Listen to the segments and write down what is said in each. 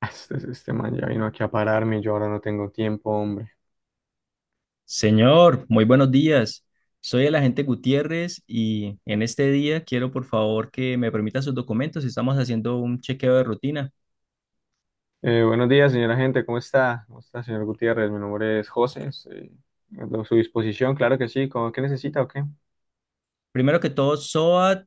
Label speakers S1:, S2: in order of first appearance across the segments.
S1: Este man ya vino aquí a pararme y yo ahora no tengo tiempo, hombre.
S2: Señor, muy buenos días. Soy el agente Gutiérrez y en este día quiero por favor que me permita sus documentos. Estamos haciendo un chequeo de rutina.
S1: Buenos días, señora gente, ¿cómo está? ¿Cómo está, señor Gutiérrez? Mi nombre es José, estoy a su disposición, claro que sí. ¿Cómo- ¿Qué necesita o qué?
S2: Primero que todo, SOAT,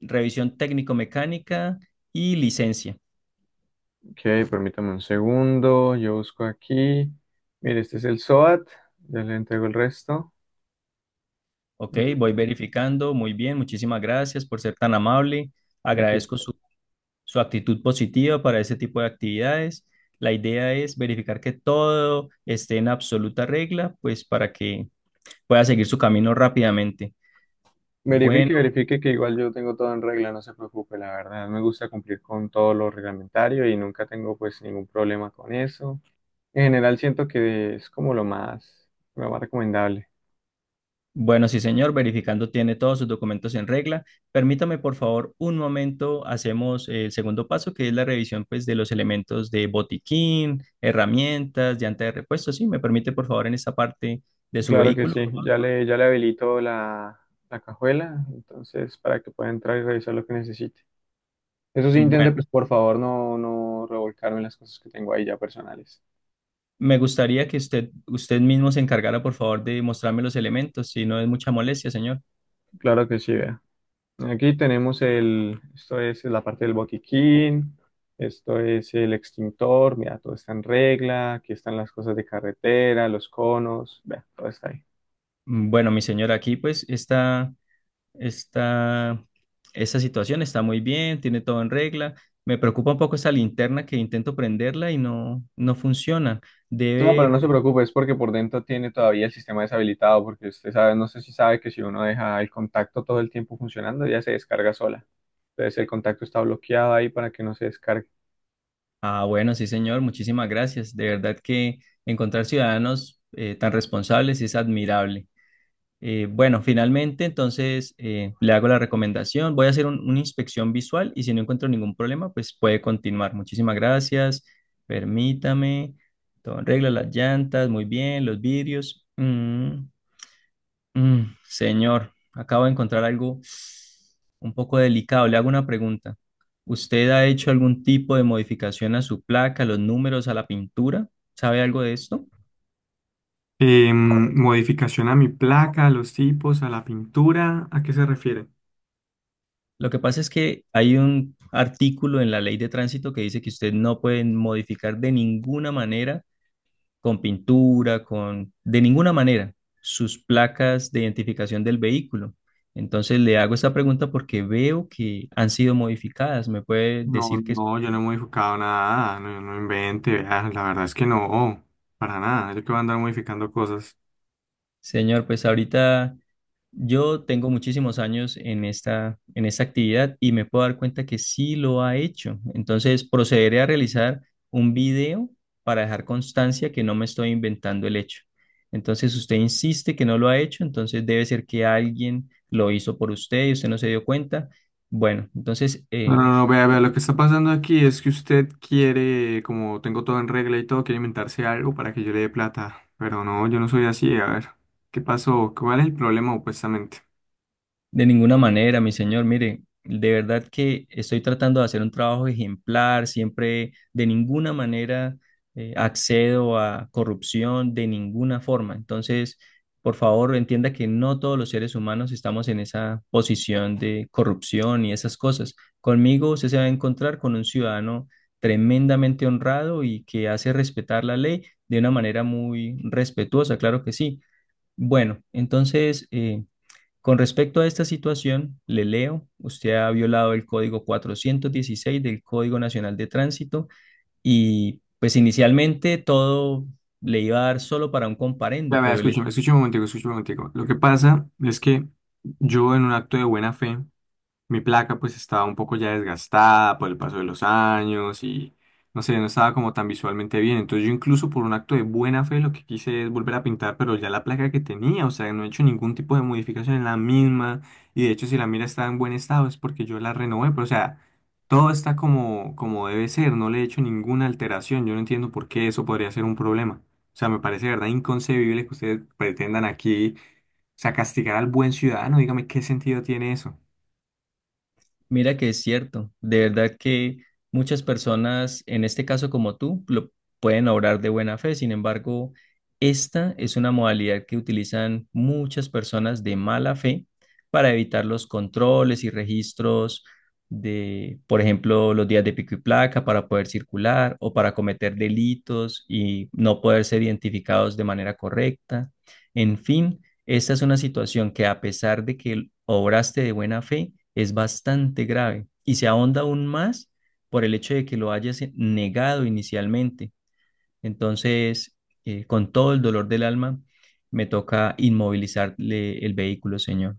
S2: revisión técnico-mecánica y licencia.
S1: Ok, permítame un segundo, yo busco aquí. Mire, este es el SOAT, ya le entrego el resto.
S2: Ok,
S1: Mm,
S2: voy verificando. Muy bien, muchísimas gracias por ser tan amable.
S1: y aquí.
S2: Agradezco su actitud positiva para ese tipo de actividades. La idea es verificar que todo esté en absoluta regla, pues para que pueda seguir su camino rápidamente. Bueno.
S1: Verifique que igual yo tengo todo en regla, no se preocupe, la verdad. Me gusta cumplir con todo lo reglamentario y nunca tengo pues ningún problema con eso. En general siento que es como lo más recomendable.
S2: Bueno, sí, señor, verificando tiene todos sus documentos en regla. Permítame, por favor, un momento. Hacemos el segundo paso, que es la revisión, pues, de los elementos de botiquín, herramientas, llanta de repuesto. Sí, me permite, por favor, en esta parte de su
S1: Claro que
S2: vehículo.
S1: sí, ya le habilito la cajuela, entonces para que pueda entrar y revisar lo que necesite. Eso sí, intente,
S2: Bueno,
S1: pues por favor, no revolcarme las cosas que tengo ahí ya personales.
S2: me gustaría que usted mismo se encargara, por favor, de mostrarme los elementos, si no es mucha molestia, señor.
S1: Claro que sí, vea. Aquí tenemos el, esto es la parte del botiquín, esto es el extintor, mira, todo está en regla, aquí están las cosas de carretera, los conos, vea, todo está ahí.
S2: Bueno, mi señor, aquí, pues, está. Está, esa situación está muy bien, tiene todo en regla. Me preocupa un poco esa linterna que intento prenderla y no, no funciona.
S1: No, pero
S2: Debe,
S1: no se
S2: pues,
S1: preocupe, es porque por dentro tiene todavía el sistema deshabilitado, porque usted sabe, no sé si sabe que si uno deja el contacto todo el tiempo funcionando, ya se descarga sola. Entonces el contacto está bloqueado ahí para que no se descargue.
S2: ah, bueno, sí, señor, muchísimas gracias. De verdad que encontrar ciudadanos tan responsables es admirable. Bueno, finalmente, entonces le hago la recomendación. Voy a hacer una inspección visual y si no encuentro ningún problema, pues puede continuar. Muchísimas gracias. Permítame. Todo en regla, las llantas, muy bien, los vidrios. Señor, acabo de encontrar algo un poco delicado. Le hago una pregunta. ¿Usted ha hecho algún tipo de modificación a su placa, a los números, a la pintura? ¿Sabe algo de esto?
S1: Modificación a mi placa, a los tipos, a la pintura, ¿a qué se refiere?
S2: Lo que pasa es que hay un artículo en la ley de tránsito que dice que usted no puede modificar de ninguna manera, con pintura, con, de ninguna manera, sus placas de identificación del vehículo. Entonces le hago esta pregunta porque veo que han sido modificadas. ¿Me puede
S1: No,
S2: decir qué?
S1: no, yo no he modificado nada, no, no invente, vea, la verdad es que no, para nada, yo que voy a andar modificando cosas.
S2: Señor, pues ahorita yo tengo muchísimos años en esta actividad y me puedo dar cuenta que sí lo ha hecho. Entonces, procederé a realizar un video para dejar constancia que no me estoy inventando el hecho. Entonces, usted insiste que no lo ha hecho, entonces debe ser que alguien lo hizo por usted y usted no se dio cuenta. Bueno, entonces,
S1: No, no, no, vea, vea, lo que está pasando aquí es que usted quiere, como tengo todo en regla y todo, quiere inventarse algo para que yo le dé plata. Pero no, yo no soy así, a ver, ¿qué pasó? ¿Cuál es el problema opuestamente?
S2: de ninguna manera, mi señor. Mire, de verdad que estoy tratando de hacer un trabajo ejemplar, siempre de ninguna manera accedo a corrupción, de ninguna forma. Entonces, por favor, entienda que no todos los seres humanos estamos en esa posición de corrupción y esas cosas. Conmigo usted se va a encontrar con un ciudadano tremendamente honrado y que hace respetar la ley de una manera muy respetuosa, claro que sí. Bueno, entonces... con respecto a esta situación, le leo, usted ha violado el código 416 del Código Nacional de Tránsito y pues inicialmente todo le iba a dar solo para un comparendo,
S1: Vea, vea,
S2: pero el...
S1: escúcheme, escúcheme un momentico, escúcheme un momentico. Lo que pasa es que yo en un acto de buena fe, mi placa pues estaba un poco ya desgastada por el paso de los años y no sé, no estaba como tan visualmente bien. Entonces yo incluso por un acto de buena fe lo que quise es volver a pintar, pero ya la placa que tenía, o sea, no he hecho ningún tipo de modificación en la misma y de hecho si la mira está en buen estado es porque yo la renové, pero o sea, todo está como, como debe ser, no le he hecho ninguna alteración. Yo no entiendo por qué eso podría ser un problema. O sea, me parece de verdad inconcebible que ustedes pretendan aquí, o sea, castigar al buen ciudadano. Dígame qué sentido tiene eso.
S2: Mira que es cierto, de verdad que muchas personas, en este caso como tú, lo pueden obrar de buena fe, sin embargo, esta es una modalidad que utilizan muchas personas de mala fe para evitar los controles y registros de, por ejemplo, los días de pico y placa para poder circular o para cometer delitos y no poder ser identificados de manera correcta. En fin. Esta es una situación que a pesar de que obraste de buena fe, es bastante grave y se ahonda aún más por el hecho de que lo hayas negado inicialmente. Entonces, con todo el dolor del alma, me toca inmovilizarle el vehículo, señor.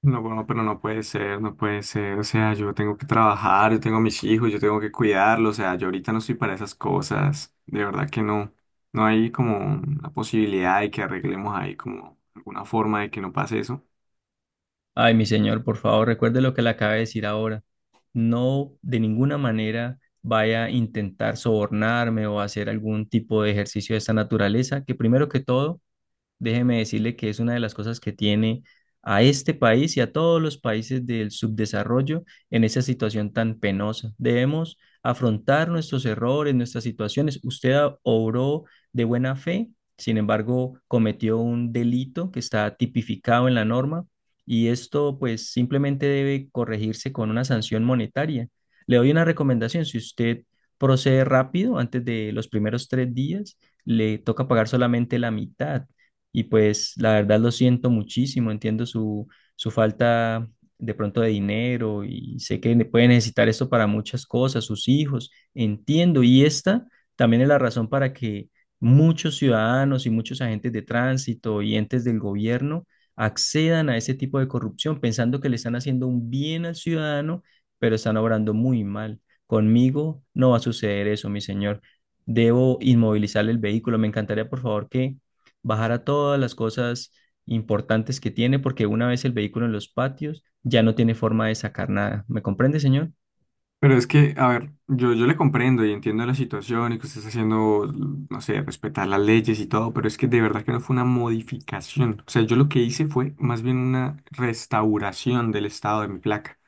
S1: No, bueno, pero no puede ser, no puede ser. O sea, yo tengo que trabajar, yo tengo a mis hijos, yo tengo que cuidarlos. O sea, yo ahorita no estoy para esas cosas. De verdad que no. No hay como una posibilidad de que arreglemos ahí como alguna forma de que no pase eso.
S2: Ay, mi señor, por favor, recuerde lo que le acabo de decir ahora. No, de ninguna manera vaya a intentar sobornarme o hacer algún tipo de ejercicio de esta naturaleza, que primero que todo, déjeme decirle que es una de las cosas que tiene a este país y a todos los países del subdesarrollo en esa situación tan penosa. Debemos afrontar nuestros errores, nuestras situaciones. Usted obró de buena fe, sin embargo, cometió un delito que está tipificado en la norma y esto pues simplemente debe corregirse con una sanción monetaria. Le doy una recomendación, si usted procede rápido, antes de los primeros 3 días, le toca pagar solamente la mitad y pues la verdad lo siento muchísimo, entiendo su falta de pronto de dinero y sé que puede necesitar esto para muchas cosas, sus hijos, entiendo. Y esta también es la razón para que muchos ciudadanos y muchos agentes de tránsito y entes del gobierno accedan a ese tipo de corrupción pensando que le están haciendo un bien al ciudadano, pero están obrando muy mal. Conmigo no va a suceder eso, mi señor. Debo inmovilizar el vehículo. Me encantaría, por favor, que bajara todas las cosas importantes que tiene, porque una vez el vehículo en los patios ya no tiene forma de sacar nada. ¿Me comprende, señor?
S1: Pero es que, a ver, yo le comprendo y entiendo la situación y que usted está haciendo, no sé, respetar las leyes y todo, pero es que de verdad que no fue una modificación. O sea, yo lo que hice fue más bien una restauración del estado de mi placa.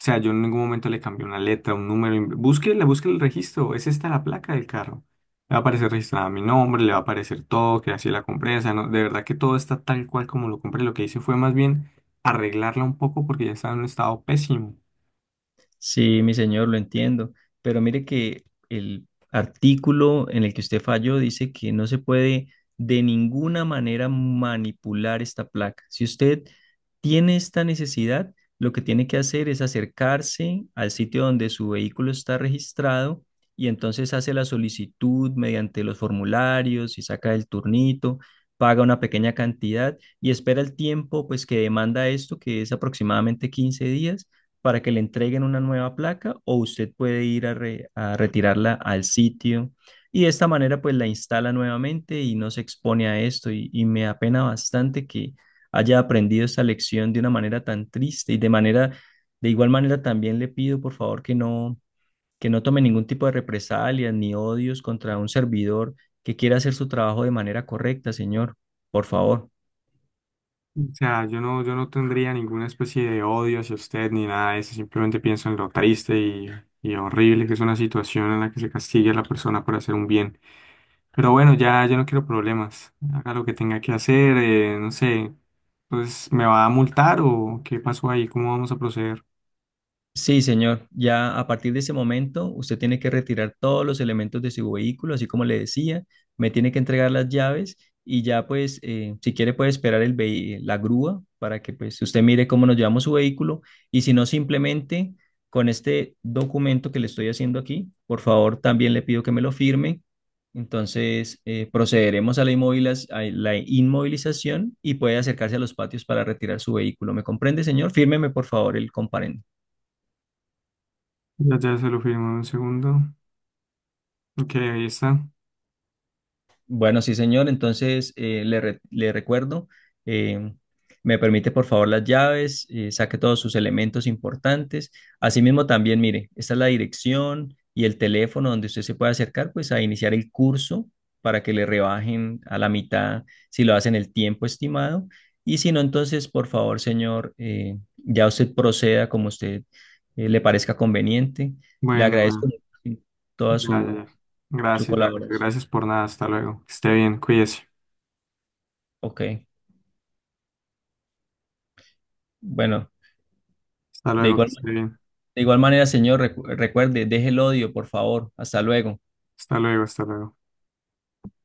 S1: O sea, yo en ningún momento le cambié una letra, un número. Búsquele, busque el registro. Es esta la placa del carro. Le va a aparecer registrada mi nombre, le va a aparecer todo, que así la compré. O sea, no, de verdad que todo está tal cual como lo compré. Lo que hice fue más bien arreglarla un poco porque ya estaba en un estado pésimo.
S2: Sí, mi señor, lo entiendo, pero mire que el artículo en el que usted falló dice que no se puede de ninguna manera manipular esta placa. Si usted tiene esta necesidad, lo que tiene que hacer es acercarse al sitio donde su vehículo está registrado y entonces hace la solicitud mediante los formularios y saca el turnito, paga una pequeña cantidad y espera el tiempo pues que demanda esto, que es aproximadamente 15 días para que le entreguen una nueva placa o usted puede ir a, a retirarla al sitio y de esta manera pues la instala nuevamente y no se expone a esto y me apena bastante que haya aprendido esta lección de una manera tan triste y de manera, de igual manera también le pido por favor que no tome ningún tipo de represalias ni odios contra un servidor que quiera hacer su trabajo de manera correcta, señor, por favor.
S1: O sea, yo no tendría ninguna especie de odio hacia usted ni nada de eso. Simplemente pienso en lo y horrible que es una situación en la que se castigue a la persona por hacer un bien. Pero bueno, ya no quiero problemas. Haga lo que tenga que hacer, no sé. Pues, ¿me va a multar o qué pasó ahí? ¿Cómo vamos a proceder?
S2: Sí, señor. Ya a partir de ese momento, usted tiene que retirar todos los elementos de su vehículo, así como le decía, me tiene que entregar las llaves y ya pues, si quiere puede esperar el la grúa para que pues usted mire cómo nos llevamos su vehículo y si no, simplemente con este documento que le estoy haciendo aquí, por favor, también le pido que me lo firme. Entonces, procederemos a la a la inmovilización y puede acercarse a los patios para retirar su vehículo. ¿Me comprende, señor? Fírmeme, por favor, el comparendo.
S1: Ya se lo firmo en un segundo. Ok, ahí está.
S2: Bueno, sí, señor. Entonces, le, le recuerdo, eh, me permite por favor las llaves, saque todos sus elementos importantes. Asimismo, también, mire, esta es la dirección y el teléfono donde usted se puede acercar, pues, a iniciar el curso para que le rebajen a la mitad si lo hacen el tiempo estimado. Y si no, entonces, por favor, señor, ya usted proceda como usted le parezca conveniente. Le agradezco
S1: Bueno,
S2: toda
S1: ya, ya,
S2: su,
S1: ya.
S2: su
S1: Gracias, gracias,
S2: colaboración.
S1: gracias por nada. Hasta luego. Que esté bien, cuídese.
S2: Ok, bueno.
S1: Hasta
S2: De
S1: luego, que
S2: igual,
S1: esté bien.
S2: de igual manera, señor, recuerde, deje el odio, por favor. Hasta luego.
S1: Hasta luego, hasta luego.